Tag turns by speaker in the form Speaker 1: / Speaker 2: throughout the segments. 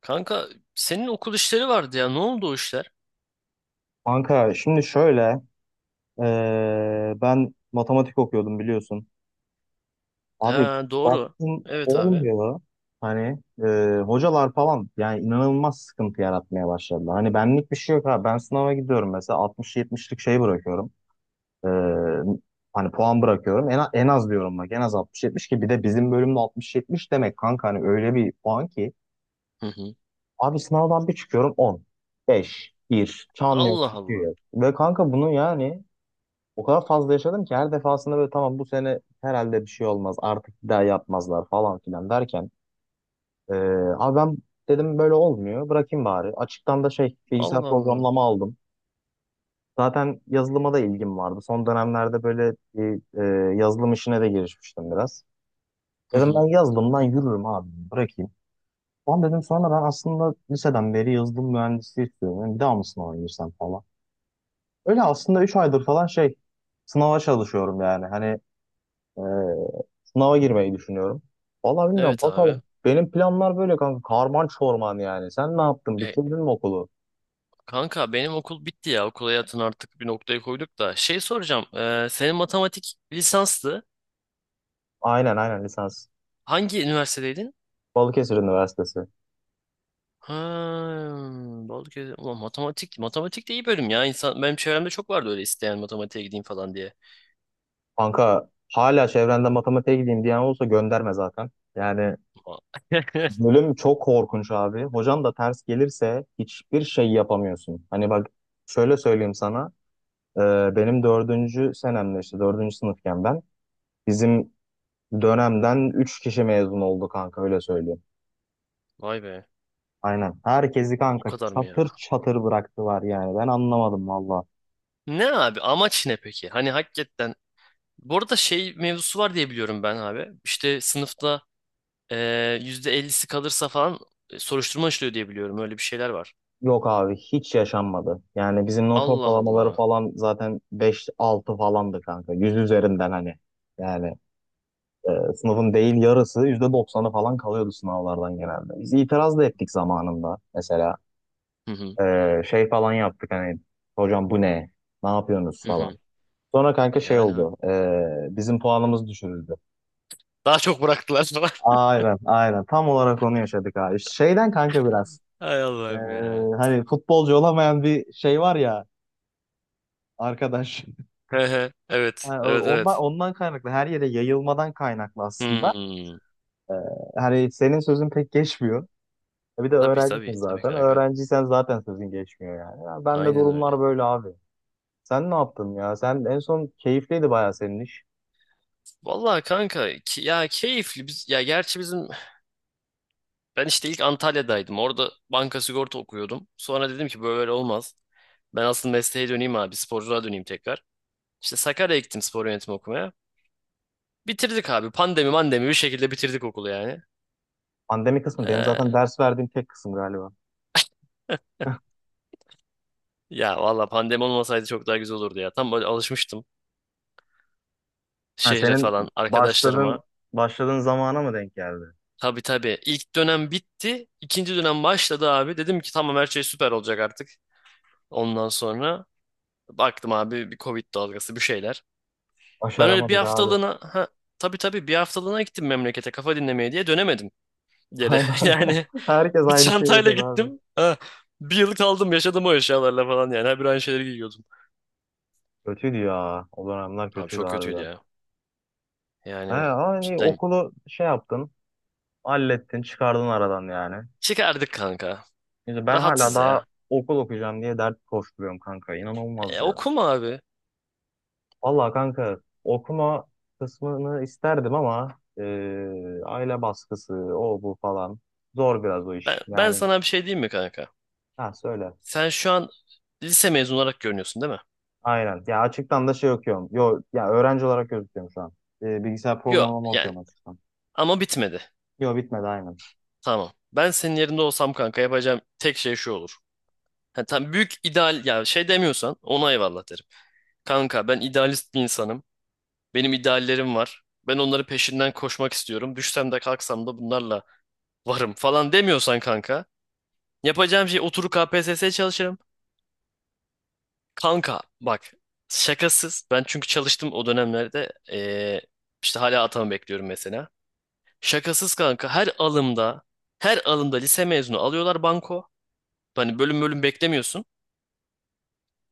Speaker 1: Kanka senin okul işleri vardı ya. Ne oldu o işler?
Speaker 2: Kanka şimdi şöyle, ben matematik okuyordum biliyorsun. Abi
Speaker 1: Ha doğru.
Speaker 2: baktım
Speaker 1: Evet abi.
Speaker 2: olmuyor. Hani hocalar falan yani inanılmaz sıkıntı yaratmaya başladı. Hani benlik bir şey yok abi. Ben sınava gidiyorum mesela 60-70'lik şey bırakıyorum. Eee, Hani puan bırakıyorum. En az diyorum bak en az 60-70, ki bir de bizim bölümde 60-70 demek kanka, hani öyle bir puan ki.
Speaker 1: Hı hı.
Speaker 2: Abi sınavdan bir çıkıyorum 10, 5, 1, çan yok,
Speaker 1: Allah
Speaker 2: bir şey
Speaker 1: Allah.
Speaker 2: yok. Ve kanka bunu, o kadar fazla yaşadım ki her defasında böyle tamam bu sene herhalde bir şey olmaz artık bir daha yapmazlar falan filan derken, ee, abi ben dedim böyle olmuyor bırakayım bari. Açıktan da şey bilgisayar
Speaker 1: Allah Allah.
Speaker 2: programlama aldım. Zaten yazılıma da ilgim vardı. Son dönemlerde böyle bir, yazılım işine de girişmiştim biraz.
Speaker 1: Hı
Speaker 2: Dedim
Speaker 1: hı.
Speaker 2: ben yazılımdan yürürüm abi, bırakayım. Ulan dedim sonra ben aslında liseden beri yazılım mühendisliği istiyorum. Yani bir daha mı sınava girsem falan. Öyle aslında 3 aydır falan şey sınava çalışıyorum yani. Hani, Ee, sınava girmeyi düşünüyorum. Vallahi bilmiyorum,
Speaker 1: Evet abi.
Speaker 2: bakalım. Benim planlar böyle kanka. Karman çorman yani. Sen ne yaptın?
Speaker 1: E,
Speaker 2: Bitirdin mi okulu?
Speaker 1: Kanka benim okul bitti ya. Okul hayatını artık bir noktaya koyduk da. Şey soracağım. Senin matematik lisanstı.
Speaker 2: Aynen lisans.
Speaker 1: Hangi üniversitedeydin?
Speaker 2: Balıkesir Üniversitesi.
Speaker 1: Ha, Balıkesir. Ulan matematik. Matematik de iyi bölüm ya. İnsan, benim çevremde çok vardı öyle isteyen matematiğe gideyim falan diye.
Speaker 2: Kanka hala çevrende matematiğe gideyim diyen olsa gönderme zaten. Yani bölüm çok korkunç abi. Hocan da ters gelirse hiçbir şey yapamıyorsun. Hani bak şöyle söyleyeyim sana. Ee, Benim 4. senemde işte 4. sınıfken ben bizim dönemden 3 kişi mezun oldu kanka, öyle söyleyeyim.
Speaker 1: Vay be.
Speaker 2: Aynen. Herkesi
Speaker 1: O
Speaker 2: kanka
Speaker 1: kadar mı ya?
Speaker 2: çatır çatır bıraktılar yani. Ben anlamadım valla.
Speaker 1: Ne abi amaç ne peki? Hani hakikaten bu arada şey mevzusu var diye biliyorum ben abi. İşte sınıfta %50'si kalırsa falan soruşturma açılıyor diye biliyorum. Öyle bir şeyler var.
Speaker 2: Yok abi, hiç yaşanmadı. Yani bizim not
Speaker 1: Allah
Speaker 2: ortalamaları
Speaker 1: Allah.
Speaker 2: falan zaten beş altı falandı kanka, 100 üzerinden hani. Yani, sınıfın değil yarısı %90'ı falan kalıyordu sınavlardan genelde. Biz itiraz da ettik zamanında. Mesela
Speaker 1: Hı hı.
Speaker 2: şey falan yaptık, hani hocam bu ne? Ne yapıyorsunuz
Speaker 1: Hı
Speaker 2: falan.
Speaker 1: hı.
Speaker 2: Sonra kanka şey
Speaker 1: Yani abi.
Speaker 2: oldu, bizim puanımız düşürüldü.
Speaker 1: Daha çok bıraktılar falan.
Speaker 2: Aynen. Tam olarak onu yaşadık abi. Şeyden kanka biraz.
Speaker 1: Hay
Speaker 2: Ee,
Speaker 1: Allah'ım ya.
Speaker 2: Hani futbolcu olamayan bir şey var ya arkadaş.
Speaker 1: He he. Evet.
Speaker 2: Yani o-
Speaker 1: Evet
Speaker 2: ondan,
Speaker 1: evet.
Speaker 2: ondan kaynaklı, her yere yayılmadan kaynaklı aslında.
Speaker 1: Hmm.
Speaker 2: Ee, Hani senin sözün pek geçmiyor. E, bir de
Speaker 1: Tabii
Speaker 2: öğrencisin
Speaker 1: tabii. Tabii
Speaker 2: zaten.
Speaker 1: kanka.
Speaker 2: Öğrenciysen zaten sözün geçmiyor yani. Ya ben de
Speaker 1: Aynen öyle.
Speaker 2: durumlar böyle abi. Sen ne yaptın ya? Sen en son keyifliydi bayağı senin iş.
Speaker 1: Vallahi kanka ya keyifli biz ya gerçi bizim ben işte ilk Antalya'daydım. Orada banka sigorta okuyordum. Sonra dedim ki böyle olmaz. Ben asıl mesleğe döneyim abi sporculuğa döneyim tekrar. İşte Sakarya'ya gittim spor yönetimi okumaya. Bitirdik abi. Pandemi mandemi bir şekilde bitirdik okulu yani.
Speaker 2: Pandemi kısmı benim zaten
Speaker 1: Ee,
Speaker 2: ders verdiğim tek kısım galiba.
Speaker 1: Ya valla pandemi olmasaydı çok daha güzel olurdu ya. Tam böyle alışmıştım
Speaker 2: Ha,
Speaker 1: şehre falan
Speaker 2: senin başladığın
Speaker 1: arkadaşlarıma.
Speaker 2: başladığın zamana mı denk geldi?
Speaker 1: Tabii tabii. İlk dönem bitti. İkinci dönem başladı abi. Dedim ki tamam her şey süper olacak artık. Ondan sonra baktım abi bir Covid dalgası bir şeyler. Ben öyle bir
Speaker 2: Başaramadık abi.
Speaker 1: haftalığına ha, tabii tabii bir haftalığına gittim memlekete kafa dinlemeye diye dönemedim geri.
Speaker 2: Aynen.
Speaker 1: Yani
Speaker 2: Herkes
Speaker 1: bir
Speaker 2: aynı şeyi
Speaker 1: çantayla
Speaker 2: yaşadı abi.
Speaker 1: gittim. Ha, bir yıl kaldım yaşadım o eşyalarla falan yani. Her bir aynı şeyleri giyiyordum.
Speaker 2: Kötüydü ya. O dönemler
Speaker 1: Abi
Speaker 2: kötüydü
Speaker 1: çok kötüydü
Speaker 2: harbiden.
Speaker 1: ya.
Speaker 2: He,
Speaker 1: Yani
Speaker 2: hani
Speaker 1: cidden
Speaker 2: okulu şey yaptın. Hallettin, çıkardın aradan yani.
Speaker 1: çıkardık kanka.
Speaker 2: Şimdi ben hala
Speaker 1: Rahatsız
Speaker 2: daha
Speaker 1: ya.
Speaker 2: okul okuyacağım diye dert koşturuyorum kanka. İnanılmaz
Speaker 1: E,
Speaker 2: ya.
Speaker 1: okuma abi.
Speaker 2: Valla kanka okuma kısmını isterdim ama, e, aile baskısı, o bu falan. Zor biraz o
Speaker 1: Ben,
Speaker 2: iş.
Speaker 1: ben
Speaker 2: Yani
Speaker 1: sana bir şey diyeyim mi kanka?
Speaker 2: ha, söyle.
Speaker 1: Sen şu an lise mezunu olarak görünüyorsun değil mi?
Speaker 2: Aynen. Ya açıktan da şey okuyorum. Yo, ya öğrenci olarak gözüküyorum şu an. E, bilgisayar
Speaker 1: Yok
Speaker 2: programlama
Speaker 1: yani
Speaker 2: okuyorum açıktan.
Speaker 1: ama bitmedi.
Speaker 2: Yo, bitmedi aynen.
Speaker 1: Tamam. Ben senin yerinde olsam kanka yapacağım tek şey şu olur. Ha, tam büyük ideal ya şey demiyorsan ona eyvallah derim. Kanka ben idealist bir insanım. Benim ideallerim var. Ben onları peşinden koşmak istiyorum. Düşsem de kalksam da bunlarla varım falan demiyorsan kanka. Yapacağım şey oturup KPSS'ye çalışırım. Kanka bak şakasız. Ben çünkü çalıştım o dönemlerde. İşte hala atamı bekliyorum mesela. Şakasız kanka her alımda her alımda lise mezunu alıyorlar banko. Hani bölüm bölüm beklemiyorsun.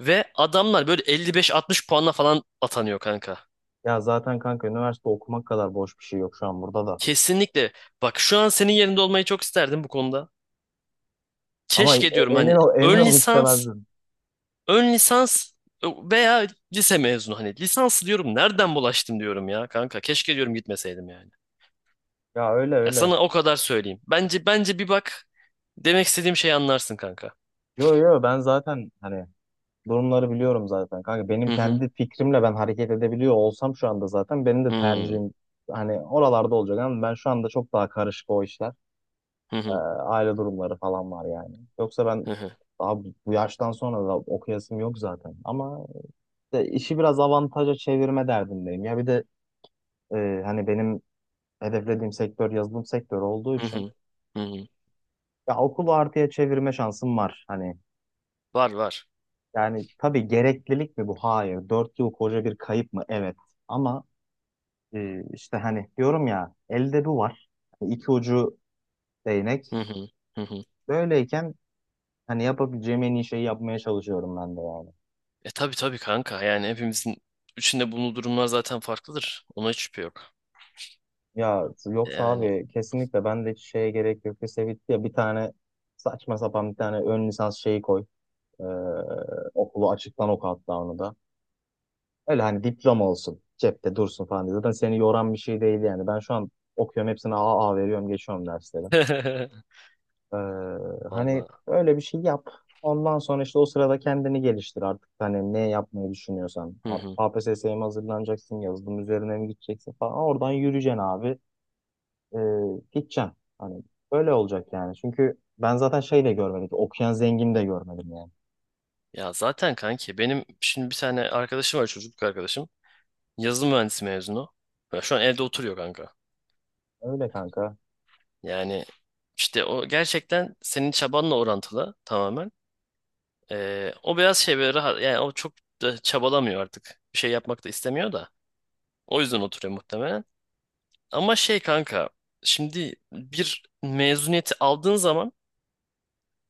Speaker 1: Ve adamlar böyle 55-60 puanla falan atanıyor kanka.
Speaker 2: Ya zaten kanka üniversite okumak kadar boş bir şey yok şu an burada da.
Speaker 1: Kesinlikle. Bak şu an senin yerinde olmayı çok isterdim bu konuda.
Speaker 2: Ama
Speaker 1: Keşke
Speaker 2: e-
Speaker 1: diyorum
Speaker 2: emin
Speaker 1: hani
Speaker 2: ol, emin
Speaker 1: ön
Speaker 2: ol
Speaker 1: lisans,
Speaker 2: istemezdim.
Speaker 1: ön lisans veya lise mezunu hani lisans diyorum nereden bulaştım diyorum ya kanka keşke diyorum gitmeseydim yani.
Speaker 2: Ya öyle
Speaker 1: Ya
Speaker 2: öyle.
Speaker 1: sana o kadar söyleyeyim. Bence bir bak demek istediğim şeyi anlarsın kanka.
Speaker 2: Yo ben zaten hani durumları biliyorum zaten. Kanka benim
Speaker 1: Hı hı.
Speaker 2: kendi fikrimle ben hareket edebiliyor olsam şu anda zaten benim de
Speaker 1: Hmm.
Speaker 2: tercihim hani oralarda olacak, ama ben şu anda çok daha karışık o işler.
Speaker 1: Hı
Speaker 2: Ee,
Speaker 1: hı.
Speaker 2: Aile durumları falan var yani. Yoksa ben
Speaker 1: Hı hı.
Speaker 2: daha bu yaştan sonra da okuyasım yok zaten. Ama işte işi biraz avantaja çevirme derdindeyim. Ya bir de hani benim hedeflediğim sektör yazılım sektörü olduğu
Speaker 1: Hı
Speaker 2: için
Speaker 1: hı. Hı hı.
Speaker 2: ya okulu artıya çevirme şansım var. Hani
Speaker 1: Var var.
Speaker 2: yani tabii gereklilik mi bu? Hayır. 4 yıl koca bir kayıp mı? Evet. Ama işte hani diyorum ya, elde bu var. Hani iki ucu değnek.
Speaker 1: Hı hı. Hı hı.
Speaker 2: Böyleyken hani yapabileceğim en iyi şeyi yapmaya çalışıyorum ben de yani.
Speaker 1: Tabii tabii kanka yani hepimizin içinde bulunduğu durumlar zaten farklıdır. Ona hiç şüphe yok.
Speaker 2: Ya yoksa
Speaker 1: Yani.
Speaker 2: abi kesinlikle ben de hiç şeye gerek yok. Lise bitti ya, bir tane saçma sapan bir tane ön lisans şeyi koy. Ee, Okulu açıktan oku hatta onu da. Öyle hani diploma olsun, cepte dursun falan diye. Zaten seni yoran bir şey değil yani. Ben şu an okuyorum, hepsine A A veriyorum, geçiyorum dersleri. Ee, Hani
Speaker 1: Vallahi.
Speaker 2: öyle bir şey yap. Ondan sonra işte o sırada kendini geliştir artık. Hani ne yapmayı düşünüyorsan.
Speaker 1: Hı
Speaker 2: Artık
Speaker 1: hı.
Speaker 2: KPSS'ye mi hazırlanacaksın? Yazılım üzerine mi gideceksin falan. Oradan yürüyeceksin abi. Ee, Gideceksin. Hani böyle olacak yani. Çünkü ben zaten şey de görmedim. Okuyan zengin de görmedim yani.
Speaker 1: Ya zaten kanki benim şimdi bir tane arkadaşım var çocukluk arkadaşım. Yazılım mühendisi mezunu. Ya şu an evde oturuyor kanka.
Speaker 2: Öyle kanka.
Speaker 1: Yani işte o gerçekten senin çabanla orantılı tamamen. O biraz şey böyle rahat yani o çok da çabalamıyor artık. Bir şey yapmak da istemiyor da. O yüzden oturuyor muhtemelen. Ama şey kanka şimdi bir mezuniyeti aldığın zaman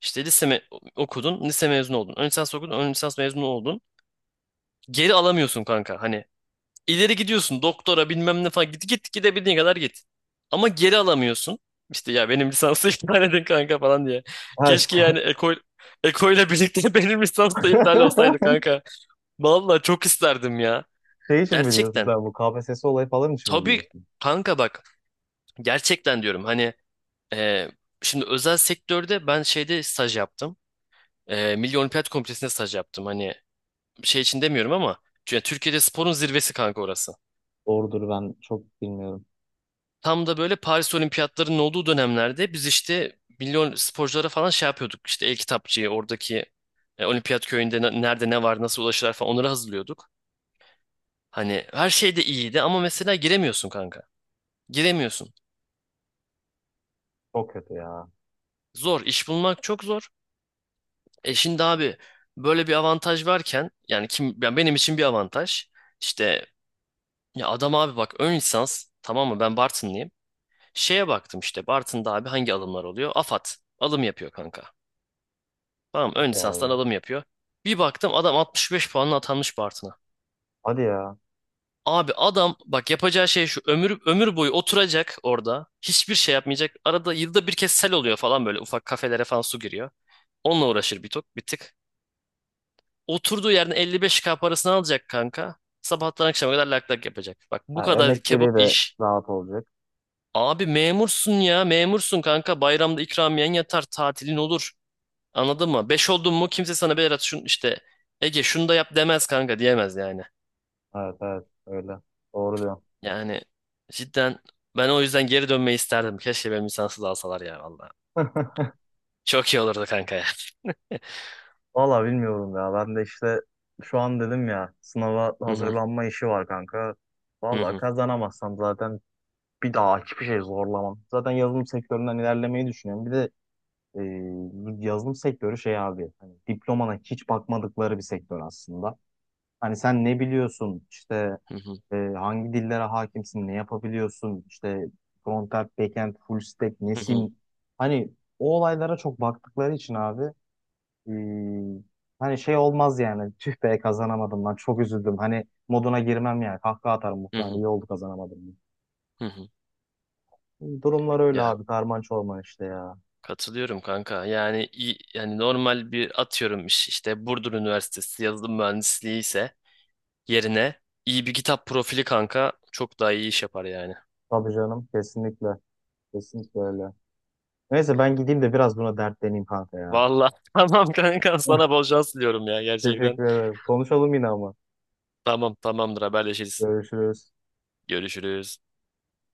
Speaker 1: işte okudun, lise mezunu oldun. Ön lisans okudun, ön lisans mezunu oldun. Geri alamıyorsun kanka. Hani İleri gidiyorsun doktora bilmem ne falan git git gidebildiğin kadar git. Ama geri alamıyorsun. İşte ya benim lisansı iptal edin kanka falan diye.
Speaker 2: Ha
Speaker 1: Keşke
Speaker 2: işte.
Speaker 1: yani Eko ile birlikte benim lisans da iptal olsaydı kanka. Vallahi çok isterdim ya.
Speaker 2: Şey için mi diyorsun,
Speaker 1: Gerçekten.
Speaker 2: sen bu KPSS olayı falan için mi
Speaker 1: Tabii
Speaker 2: diyorsun?
Speaker 1: kanka bak gerçekten diyorum hani e, şimdi özel sektörde ben şeyde staj yaptım. Milli Olimpiyat Komitesi'nde staj yaptım. Hani şey için demiyorum ama yani Türkiye'de sporun zirvesi kanka orası.
Speaker 2: Doğrudur, ben çok bilmiyorum.
Speaker 1: Tam da böyle Paris Olimpiyatlarının olduğu dönemlerde biz işte milyon sporculara falan şey yapıyorduk. İşte el-kitapçıyı oradaki olimpiyat köyünde nerede ne var nasıl ulaşırlar falan onları hazırlıyorduk. Hani her şey de iyiydi ama mesela giremiyorsun kanka. Giremiyorsun.
Speaker 2: Çok kötü ya.
Speaker 1: Zor. İş bulmak çok zor. Şimdi abi böyle bir avantaj varken yani kim yani benim için bir avantaj. İşte ya adam abi bak ön lisans tamam mı ben Bartınlıyım. Şeye baktım işte Bartın'da abi hangi alımlar oluyor? AFAD alım yapıyor kanka. Tamam ön lisanstan
Speaker 2: Vallahi.
Speaker 1: adam yapıyor. Bir baktım adam 65 puanla atanmış Bartın'a.
Speaker 2: Hadi ya.
Speaker 1: Abi adam bak yapacağı şey şu ömür ömür boyu oturacak orada. Hiçbir şey yapmayacak. Arada yılda bir kez sel oluyor falan böyle ufak kafelere falan su giriyor. Onunla uğraşır bir tok bir tık. Oturduğu yerden 55K parasını alacak kanka. Sabahtan akşama kadar lak lak yapacak. Bak
Speaker 2: Ha,
Speaker 1: bu kadar kebap
Speaker 2: emekleri de
Speaker 1: iş.
Speaker 2: rahat olacak.
Speaker 1: Abi memursun ya memursun kanka. Bayramda ikramiyen yatar tatilin olur. Anladın mı? Beş oldun mu kimse sana Berat şun işte Ege şunu da yap demez kanka diyemez yani.
Speaker 2: Evet evet öyle. Doğru diyorsun.
Speaker 1: Yani cidden ben o yüzden geri dönmeyi isterdim. Keşke benim lisansı da alsalar ya valla. Çok iyi olurdu kanka ya.
Speaker 2: Valla bilmiyorum ya. Ben de işte şu an dedim ya, sınava
Speaker 1: Hı hı,
Speaker 2: hazırlanma işi var kanka.
Speaker 1: hı
Speaker 2: Valla
Speaker 1: hı,
Speaker 2: kazanamazsam zaten bir daha hiçbir şey zorlamam. Zaten yazılım sektöründen ilerlemeyi düşünüyorum. Bir de e, bu yazılım sektörü şey abi, hani diplomana hiç bakmadıkları bir sektör aslında. Hani sen ne biliyorsun işte,
Speaker 1: hı hı,
Speaker 2: E, hangi dillere hakimsin, ne yapabiliyorsun, işte frontend, backend, full stack
Speaker 1: hı hı,
Speaker 2: nesin? Hani o olaylara çok baktıkları için abi, e, hani şey olmaz yani tüh be kazanamadım lan çok üzüldüm. Hani moduna girmem yani, kahkaha atarım
Speaker 1: hı
Speaker 2: muhtemelen,
Speaker 1: hı,
Speaker 2: iyi oldu kazanamadım
Speaker 1: hı hı.
Speaker 2: diye. Durumlar öyle
Speaker 1: Ya
Speaker 2: abi, karman çorman işte ya.
Speaker 1: katılıyorum kanka. Yani yani normal bir atıyorum işte Burdur Üniversitesi yazılım mühendisliği ise yerine iyi bir kitap profili kanka çok daha iyi iş yapar yani.
Speaker 2: Tabii canım, kesinlikle kesinlikle öyle. Neyse ben gideyim de biraz buna dertleneyim kanka ya.
Speaker 1: Valla tamam kanka sana bol şans diliyorum ya gerçekten.
Speaker 2: Teşekkür ederim. Konuşalım yine ama.
Speaker 1: Tamam tamamdır haberleşiriz.
Speaker 2: Görüşürüz.
Speaker 1: Görüşürüz.